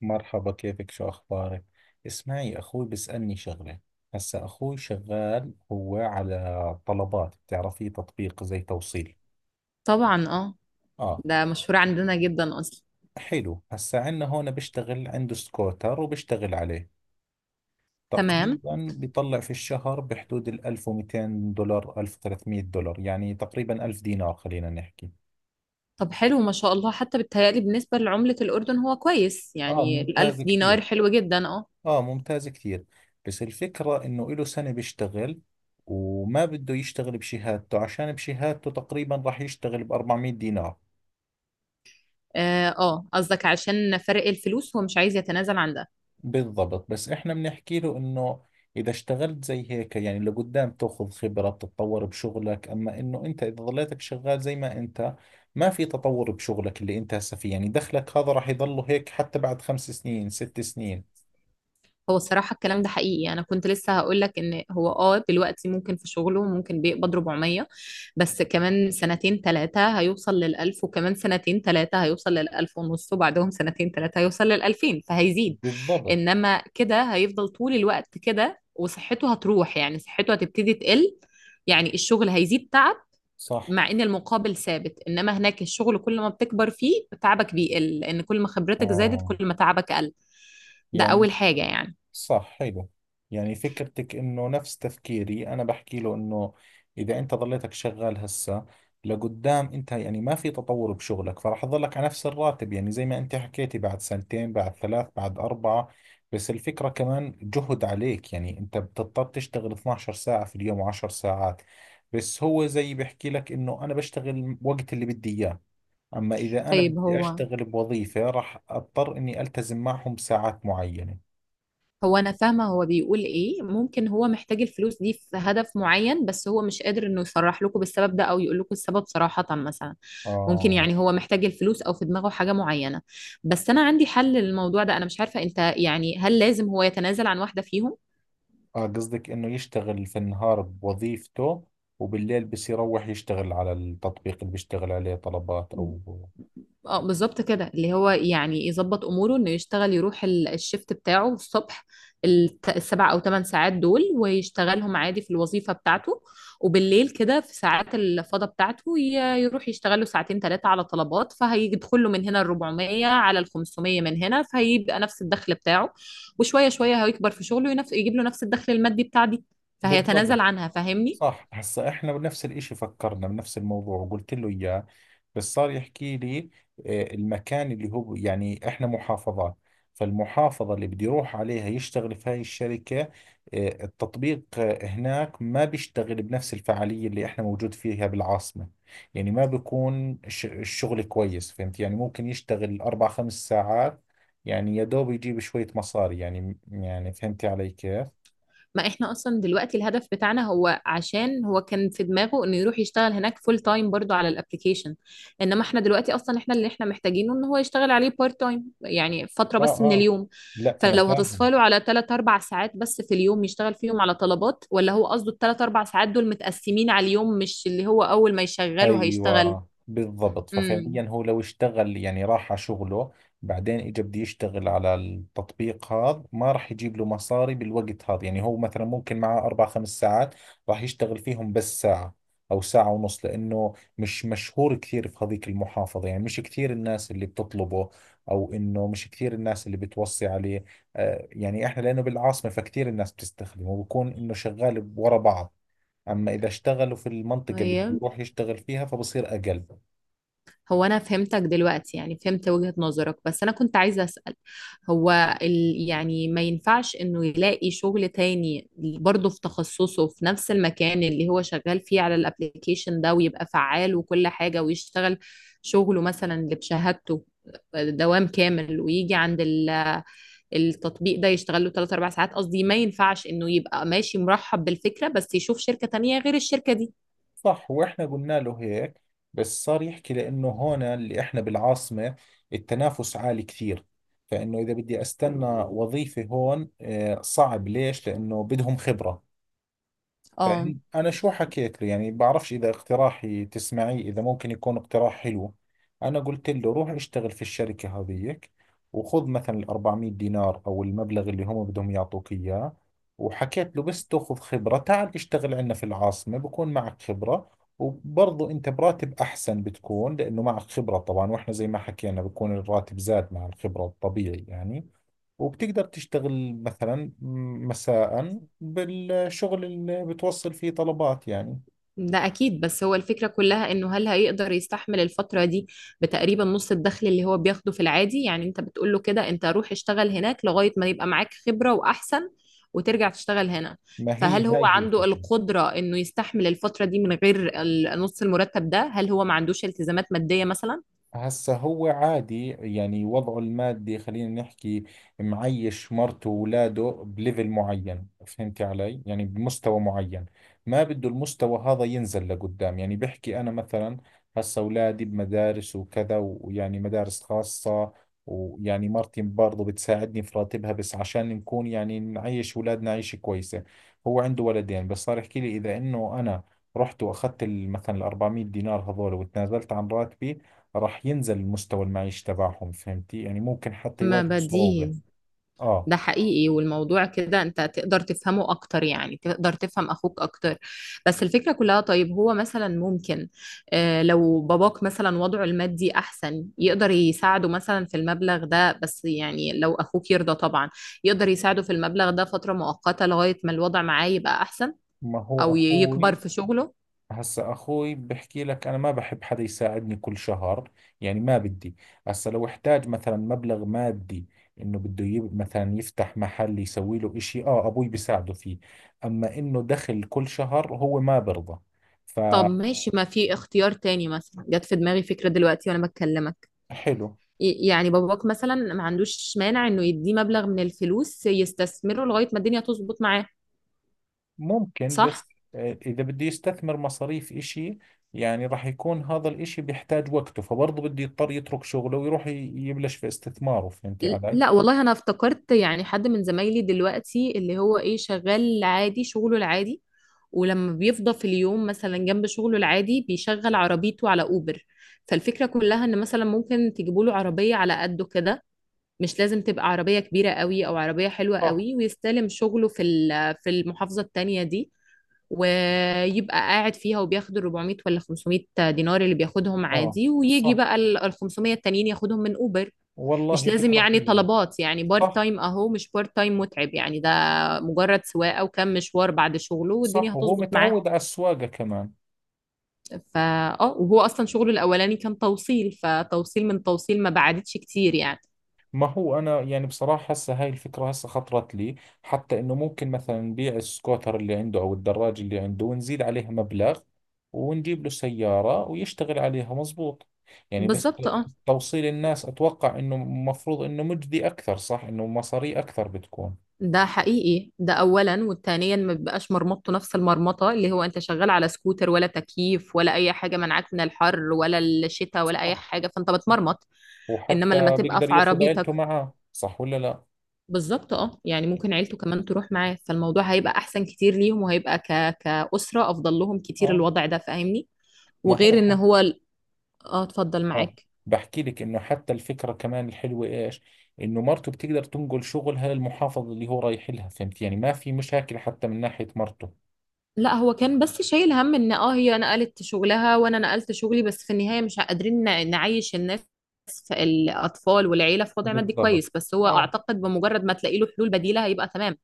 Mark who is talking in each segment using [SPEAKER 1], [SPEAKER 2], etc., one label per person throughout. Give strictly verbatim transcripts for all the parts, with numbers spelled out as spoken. [SPEAKER 1] مرحبا، كيفك؟ شو أخبارك؟ اسمعي، أخوي بيسألني شغلة. هسا أخوي شغال هو على طلبات، بتعرفيه، تطبيق زي توصيل.
[SPEAKER 2] طبعا، اه.
[SPEAKER 1] آه،
[SPEAKER 2] ده مشهور عندنا جدا اصلا.
[SPEAKER 1] حلو. هسا عندنا هون بيشتغل، عنده سكوتر وبيشتغل عليه.
[SPEAKER 2] تمام.
[SPEAKER 1] تقريبا بيطلع في الشهر بحدود ال ألف ومئتين دولار، ألف وثلاثمية دولار، يعني تقريبا ألف دينار خلينا نحكي.
[SPEAKER 2] طب حلو، ما شاء الله، حتى بالتهيألي بالنسبة لعملة الأردن هو كويس،
[SPEAKER 1] آه
[SPEAKER 2] يعني
[SPEAKER 1] ممتاز
[SPEAKER 2] الألف
[SPEAKER 1] كثير.
[SPEAKER 2] دينار حلو جدا. اه،
[SPEAKER 1] اه ممتاز كثير. بس الفكرة انه له سنة بيشتغل وما بده يشتغل بشهادته، عشان بشهادته تقريبا راح يشتغل ب أربعمية دينار.
[SPEAKER 2] اه، آه، قصدك عشان فرق الفلوس هو مش عايز يتنازل عن ده.
[SPEAKER 1] بالضبط، بس احنا بنحكي له انه اذا اشتغلت زي هيك يعني لقدام تاخذ خبرة، بتتطور بشغلك. اما انه انت اذا ظليتك شغال زي ما انت، ما في تطور بشغلك اللي انت هسه فيه، يعني دخلك هذا راح يضله هيك حتى بعد خمس سنين، ست سنين.
[SPEAKER 2] هو الصراحة الكلام ده حقيقي، أنا كنت لسه هقول لك إن هو اه دلوقتي ممكن في شغله ممكن بيقبض أربعمية. بس كمان سنتين ثلاثة هيوصل للألف، وكمان سنتين ثلاثة هيوصل للألف ونص، وبعدهم سنتين ثلاثة هيوصل للألفين فهيزيد.
[SPEAKER 1] بالضبط.
[SPEAKER 2] انما كده هيفضل طول الوقت كده وصحته هتروح، يعني صحته هتبتدي تقل، يعني الشغل هيزيد تعب.
[SPEAKER 1] صح.
[SPEAKER 2] مع ان المقابل ثابت، انما هناك الشغل كل ما بتكبر فيه تعبك بيقل، لان كل ما خبرتك زادت
[SPEAKER 1] اه.
[SPEAKER 2] كل ما تعبك قل. ده
[SPEAKER 1] يعني.
[SPEAKER 2] اول حاجة يعني.
[SPEAKER 1] صح، حلو. يعني فكرتك انه نفس تفكيري، انا بحكي له انه اذا انت ضليتك شغال هسه، لقدام انت يعني ما في تطور بشغلك، فراح تضلك على نفس الراتب، يعني زي ما انت حكيتي، بعد سنتين، بعد ثلاث، بعد اربعة. بس الفكرة كمان جهد عليك، يعني انت بتضطر تشتغل اتناشر ساعة في اليوم و10 ساعات. بس هو زي بحكي لك انه انا بشتغل وقت اللي بدي اياه، اما اذا انا
[SPEAKER 2] طيب
[SPEAKER 1] بدي
[SPEAKER 2] هو،
[SPEAKER 1] اشتغل بوظيفة راح اضطر اني التزم معهم بساعات معينة.
[SPEAKER 2] هو انا فاهمه، هو بيقول ايه، ممكن هو محتاج الفلوس دي في هدف معين بس هو مش قادر انه يصرح لكم بالسبب ده او يقول لكم السبب صراحه. مثلا ممكن،
[SPEAKER 1] اه
[SPEAKER 2] يعني هو محتاج الفلوس او في دماغه حاجه معينه. بس انا عندي حل للموضوع ده، انا مش عارفه انت، يعني هل لازم هو يتنازل عن واحده فيهم؟
[SPEAKER 1] اه قصدك انه يشتغل في النهار بوظيفته وبالليل بس يروح يشتغل على التطبيق اللي بيشتغل عليه طلبات او
[SPEAKER 2] اه بالظبط كده، اللي هو يعني يظبط اموره انه يشتغل، يروح ال- الشيفت بتاعه الصبح، الت- السبع او ثمان ساعات دول ويشتغلهم عادي في الوظيفه بتاعته. وبالليل كده في ساعات الفضاء بتاعته ي- يروح يشتغل له ساعتين ثلاثه على طلبات، فهيدخل له من هنا ال أربعمائة على ال خمسمائة من هنا، فهيبقى نفس الدخل بتاعه. وشويه شويه هيكبر في شغله، ينف- يجيب له نفس الدخل المادي بتاع دي
[SPEAKER 1] بالضبط
[SPEAKER 2] فهيتنازل عنها، فاهمني.
[SPEAKER 1] صح هسا احنا بنفس الاشي فكرنا بنفس الموضوع وقلت له اياه بس صار يحكي لي آه، المكان اللي هو يعني احنا محافظات فالمحافظة اللي بده يروح عليها يشتغل في هاي الشركة آه، التطبيق آه، هناك ما بيشتغل بنفس الفعالية اللي احنا موجود فيها بالعاصمة يعني ما بيكون ش- الشغل كويس فهمت يعني ممكن يشتغل اربع خمس ساعات يعني يا دوب يجيب شوية مصاري يعني يعني فهمتي علي كيف؟
[SPEAKER 2] ما احنا اصلا دلوقتي الهدف بتاعنا، هو عشان هو كان في دماغه انه يروح يشتغل هناك فول تايم برضو على الابليكيشن، انما احنا دلوقتي اصلا احنا اللي احنا محتاجينه ان هو يشتغل عليه بارت تايم يعني فترة
[SPEAKER 1] اه
[SPEAKER 2] بس من
[SPEAKER 1] اه.
[SPEAKER 2] اليوم.
[SPEAKER 1] لا انا
[SPEAKER 2] فلو
[SPEAKER 1] فاهم.
[SPEAKER 2] هتصفاله على ثلاث أربعة ساعات بس في اليوم يشتغل فيهم على طلبات، ولا هو قصده الثلاث اربع ساعات دول متقسمين على اليوم مش اللي هو اول ما يشغله هيشتغل؟
[SPEAKER 1] ايوه بالضبط.
[SPEAKER 2] امم.
[SPEAKER 1] ففعليا هو لو اشتغل يعني راح على شغله، بعدين اجى بده يشتغل على التطبيق هذا، ما راح يجيب له مصاري بالوقت هذا. يعني هو مثلا ممكن معه اربع خمس ساعات راح يشتغل فيهم بس ساعة او ساعة ونص، لانه مش مشهور كثير في هذيك المحافظة. يعني مش كثير الناس اللي بتطلبه، او انه مش كثير الناس اللي بتوصي عليه. آه، يعني احنا لانه بالعاصمة فكثير الناس بتستخدمه، وبكون انه شغال ورا بعض. أما إذا اشتغلوا في المنطقة اللي بده يروح يشتغل فيها فبصير أقل.
[SPEAKER 2] هو انا فهمتك دلوقتي، يعني فهمت وجهة نظرك، بس انا كنت عايزة اسأل. هو ال... يعني ما ينفعش انه يلاقي شغل تاني برضه في تخصصه في نفس المكان اللي هو شغال فيه على الابليكيشن ده، ويبقى فعال وكل حاجة ويشتغل شغله مثلا اللي بشهادته دوام كامل، ويجي عند ال- التطبيق ده يشتغل له ثلاث أربع ساعات، قصدي ما ينفعش انه يبقى ماشي مرحب بالفكرة بس يشوف شركة تانية غير الشركة دي؟
[SPEAKER 1] صح. وإحنا قلنا له هيك، بس صار يحكي لأنه هون اللي إحنا بالعاصمة التنافس عالي كثير، فإنه إذا بدي أستنى وظيفة هون آه، صعب. ليش؟ لأنه بدهم خبرة.
[SPEAKER 2] اه
[SPEAKER 1] فأني- أنا شو حكيت له، يعني بعرفش إذا اقتراحي تسمعيه، إذا ممكن يكون اقتراح حلو. أنا قلت له روح اشتغل في الشركة هذيك وخذ مثلا ال أربعمئة دينار أو المبلغ اللي هم بدهم يعطوك إياه، وحكيت له بس تأخذ خبرة تعال اشتغل عندنا في العاصمة، بكون معك خبرة. وبرضه أنت براتب أحسن بتكون، لأنه معك خبرة طبعا، وإحنا زي ما حكينا بكون الراتب زاد مع الخبرة الطبيعي يعني. وبتقدر تشتغل مثلا مساء بالشغل اللي بتوصل فيه طلبات يعني.
[SPEAKER 2] ده أكيد، بس هو الفكرة كلها إنه هل هيقدر يستحمل الفترة دي بتقريبا نص الدخل اللي هو بياخده في العادي، يعني أنت بتقول له كده، أنت روح اشتغل هناك لغاية ما يبقى معاك خبرة وأحسن وترجع تشتغل هنا.
[SPEAKER 1] ما هي
[SPEAKER 2] فهل هو
[SPEAKER 1] هاي هي
[SPEAKER 2] عنده
[SPEAKER 1] الفكرة.
[SPEAKER 2] القدرة إنه يستحمل الفترة دي من غير ال- نص المرتب ده؟ هل هو ما عندوش التزامات مادية مثلا؟
[SPEAKER 1] هسا هو عادي يعني وضعه المادي خلينا نحكي، معيش مرته وولاده بليفل معين، فهمتي علي، يعني بمستوى معين، ما بده المستوى هذا ينزل لقدام. يعني بحكي أنا مثلا هسا أولادي بمدارس وكذا، ويعني مدارس خاصة، ويعني مرتي برضه بتساعدني في راتبها، بس عشان نكون يعني نعيش أولادنا عيشة كويسة. هو عنده ولدين، بس صار يحكي لي إذا إنه أنا رحت وأخذت ال- مثلا ال أربعمئة دينار هذول وتنازلت عن راتبي، راح ينزل المستوى المعيشي تبعهم، فهمتي يعني، ممكن حتى
[SPEAKER 2] ما
[SPEAKER 1] يواجهوا صعوبة.
[SPEAKER 2] بديهي.
[SPEAKER 1] اه.
[SPEAKER 2] ده حقيقي، والموضوع كده انت تقدر تفهمه اكتر، يعني تقدر تفهم اخوك اكتر. بس الفكرة كلها، طيب هو مثلا ممكن، اه، لو باباك مثلا وضعه المادي احسن يقدر يساعده مثلا في المبلغ ده، بس يعني لو اخوك يرضى طبعا، يقدر يساعده في المبلغ ده فترة مؤقتة لغاية ما الوضع معاه يبقى احسن،
[SPEAKER 1] ما هو
[SPEAKER 2] او ي- يكبر
[SPEAKER 1] اخوي،
[SPEAKER 2] في شغله.
[SPEAKER 1] هسا اخوي بحكي لك انا ما بحب حدا يساعدني كل شهر، يعني ما بدي. هسا لو احتاج مثلا مبلغ مادي، انه بده يب... مثلا يفتح محل، يسوي له اشي، اه ابوي بيساعده فيه. اما انه دخل كل شهر هو ما برضى.
[SPEAKER 2] طب ماشي، ما في اختيار تاني، مثلا جت في دماغي فكرة دلوقتي وانا بكلمك،
[SPEAKER 1] فحلو.
[SPEAKER 2] ي- يعني باباك مثلا ما عندوش مانع انه يديه مبلغ من الفلوس يستثمره لغاية ما الدنيا تظبط معاه،
[SPEAKER 1] ممكن،
[SPEAKER 2] صح؟
[SPEAKER 1] بس آه، إذا بدي يستثمر مصاريف إشي، يعني راح يكون هذا الإشي بيحتاج وقته، فبرضه بده يضطر يترك شغله ويروح ي- يبلش في استثماره، فهمتي
[SPEAKER 2] ل-
[SPEAKER 1] علي؟
[SPEAKER 2] لا والله، انا افتكرت يعني حد من زمايلي دلوقتي اللي هو ايه شغال عادي شغله العادي، ولما بيفضى في اليوم مثلا جنب شغله العادي بيشغل عربيته على اوبر. فالفكرة كلها ان مثلا ممكن تجيبوا له عربية على قده كده، مش لازم تبقى عربية كبيرة قوي او عربية حلوة
[SPEAKER 1] صح.
[SPEAKER 2] قوي، ويستلم شغله في ال- في المحافظة التانية دي، ويبقى قاعد فيها وبياخد ال أربعمائة ولا خمسمائة دينار اللي بياخدهم
[SPEAKER 1] آه.
[SPEAKER 2] عادي، ويجي
[SPEAKER 1] صح.
[SPEAKER 2] بقى ال ال خمسمائة التانيين ياخدهم من اوبر. مش
[SPEAKER 1] والله
[SPEAKER 2] لازم
[SPEAKER 1] فكرة
[SPEAKER 2] يعني
[SPEAKER 1] حلوة.
[SPEAKER 2] طلبات، يعني بارت
[SPEAKER 1] صح.
[SPEAKER 2] تايم اهو مش بارت تايم متعب يعني ده، مجرد سواقه وكم مشوار بعد شغله والدنيا
[SPEAKER 1] صح، وهو
[SPEAKER 2] هتظبط معاه.
[SPEAKER 1] متعود على السواقة كمان.
[SPEAKER 2] فا اه وهو اصلا شغله الاولاني كان توصيل، فتوصيل من توصيل ما بعدتش كتير يعني.
[SPEAKER 1] ما هو أنا يعني بصراحة هسه هاي الفكرة هسه خطرت لي، حتى إنه ممكن مثلا نبيع السكوتر اللي عنده أو الدراج اللي عنده ونزيد عليها مبلغ ونجيب له سيارة ويشتغل عليها مزبوط. يعني بس
[SPEAKER 2] بالظبط اه.
[SPEAKER 1] توصيل الناس أتوقع إنه مفروض إنه مجدي أكثر، صح، إنه مصاري أكثر بتكون.
[SPEAKER 2] ده حقيقي، ده اولا، والتانيا ما بيبقاش مرمطته نفس المرمطه، اللي هو انت شغال على سكوتر ولا تكييف ولا اي حاجه منعك من الحر ولا الشتاء ولا اي
[SPEAKER 1] صح.
[SPEAKER 2] حاجه، فانت بتمرمط. انما لما
[SPEAKER 1] وحتى
[SPEAKER 2] تبقى في
[SPEAKER 1] بيقدر ياخذ
[SPEAKER 2] عربيتك،
[SPEAKER 1] عيلته معاه، صح ولا لا؟
[SPEAKER 2] بالظبط اه، يعني ممكن عيلته كمان تروح معاه، فالموضوع هيبقى احسن كتير ليهم وهيبقى ك... كأسرة افضل لهم كتير
[SPEAKER 1] آه.
[SPEAKER 2] الوضع ده، فاهمني.
[SPEAKER 1] ما هو
[SPEAKER 2] وغير
[SPEAKER 1] ح-
[SPEAKER 2] ان هو ال- اه، اتفضل
[SPEAKER 1] اه،
[SPEAKER 2] معاك.
[SPEAKER 1] بحكي لك انه حتى الفكره كمان الحلوه ايش، انه مرته بتقدر تنقل شغلها للمحافظه اللي هو رايح لها، فهمت يعني ما في مشاكل حتى من ناحيه مرته.
[SPEAKER 2] لا هو كان بس شايل هم ان اه هي نقلت شغلها وانا نقلت شغلي، بس في النهاية مش قادرين ن- نعيش الناس في الاطفال والعيلة في وضع مادي
[SPEAKER 1] بالضبط.
[SPEAKER 2] كويس، بس هو
[SPEAKER 1] اه.
[SPEAKER 2] اعتقد بمجرد ما تلاقي له حلول بديلة هيبقى تمام.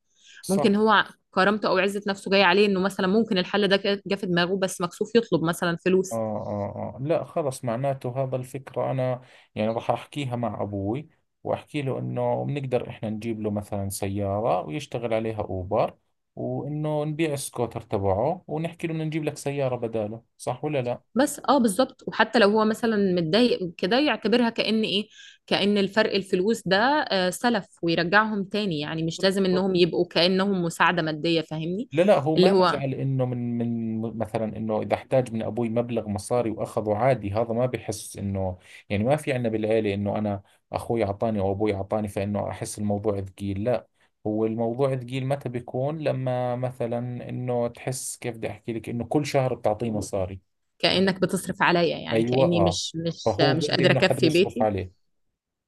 [SPEAKER 2] ممكن
[SPEAKER 1] صح.
[SPEAKER 2] هو كرامته او عزة نفسه جاية عليه، انه مثلا ممكن الحل ده جه في دماغه بس مكسوف يطلب مثلا
[SPEAKER 1] آه,
[SPEAKER 2] فلوس.
[SPEAKER 1] آه, آه، لا خلص، معناته هذا الفكرة، أنا يعني راح أحكيها مع أبوي، وأحكي له إنه بنقدر إحنا نجيب له مثلا سيارة ويشتغل عليها أوبر، وإنه نبيع السكوتر تبعه ونحكي له بدنا نجيب لك سيارة بداله، صح ولا
[SPEAKER 2] بس اه بالظبط، وحتى لو هو مثلا متضايق كده يعتبرها كأن ايه، كأن الفرق الفلوس ده آه، سلف ويرجعهم تاني، يعني مش لازم
[SPEAKER 1] لا؟
[SPEAKER 2] انهم يبقوا كأنهم مساعدة مادية، فاهمني.
[SPEAKER 1] لا لا، هو
[SPEAKER 2] اللي
[SPEAKER 1] ما
[SPEAKER 2] هو
[SPEAKER 1] بزعل انه من من مثلا انه اذا احتاج من ابوي مبلغ مصاري واخذه عادي، هذا ما بحس انه، يعني ما في عندنا بالعيله انه انا اخوي اعطاني او ابوي اعطاني، فانه احس الموضوع ثقيل، لا. هو الموضوع ثقيل متى بيكون؟ لما مثلا انه، تحس كيف بدي احكي لك، انه كل شهر بتعطيه مصاري.
[SPEAKER 2] كأنك بتصرف عليا، يعني
[SPEAKER 1] ايوه،
[SPEAKER 2] كأني
[SPEAKER 1] اه.
[SPEAKER 2] مش مش آه،
[SPEAKER 1] فهو
[SPEAKER 2] مش
[SPEAKER 1] بده
[SPEAKER 2] قادرة
[SPEAKER 1] انه حدا
[SPEAKER 2] اكفي
[SPEAKER 1] يصرف
[SPEAKER 2] بيتي.
[SPEAKER 1] عليه.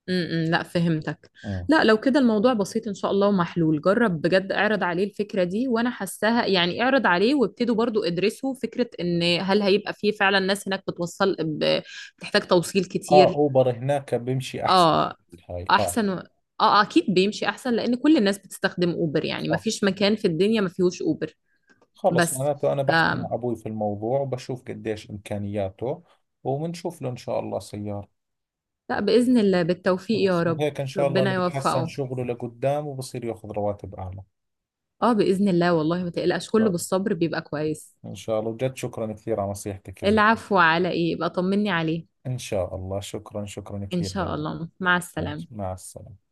[SPEAKER 2] م -م لا، فهمتك.
[SPEAKER 1] امم.
[SPEAKER 2] لا لو كده الموضوع بسيط ان شاء الله ومحلول، جرب بجد اعرض عليه الفكرة دي وانا حاساها، يعني اعرض عليه وابتدوا برضو ادرسوا فكرة ان هل هيبقى فيه فعلا ناس هناك بتوصل، ب- بتحتاج توصيل
[SPEAKER 1] اه،
[SPEAKER 2] كتير.
[SPEAKER 1] اوبر هناك بيمشي احسن.
[SPEAKER 2] اه
[SPEAKER 1] هاي اه.
[SPEAKER 2] احسن و- اه، اكيد بيمشي احسن لان كل الناس بتستخدم اوبر، يعني ما
[SPEAKER 1] صح.
[SPEAKER 2] فيش مكان في الدنيا ما فيهوش اوبر.
[SPEAKER 1] خلص،
[SPEAKER 2] بس
[SPEAKER 1] معناته أنا
[SPEAKER 2] ف...
[SPEAKER 1] بحكي مع أبوي في الموضوع، وبشوف قديش إمكانياته، وبنشوف له إن شاء الله سيارة.
[SPEAKER 2] لا باذن الله، بالتوفيق يا
[SPEAKER 1] خلص،
[SPEAKER 2] رب.
[SPEAKER 1] وهيك إن شاء الله إنه
[SPEAKER 2] ربنا
[SPEAKER 1] بتحسن
[SPEAKER 2] يوفقه.
[SPEAKER 1] شغله لقدام وبصير ياخذ رواتب أعلى إن
[SPEAKER 2] اه باذن الله، والله ما تقلقش،
[SPEAKER 1] شاء
[SPEAKER 2] كله
[SPEAKER 1] الله.
[SPEAKER 2] بالصبر بيبقى كويس.
[SPEAKER 1] إن شاء الله وجد، شكرا كثير على نصيحتك ال...
[SPEAKER 2] العفو، على ايه، يبقى طمني عليه.
[SPEAKER 1] إن شاء الله. شكرا، شكرا
[SPEAKER 2] ان
[SPEAKER 1] كثير
[SPEAKER 2] شاء
[SPEAKER 1] لك.
[SPEAKER 2] الله، مع
[SPEAKER 1] مع
[SPEAKER 2] السلامة.
[SPEAKER 1] مع السلامة.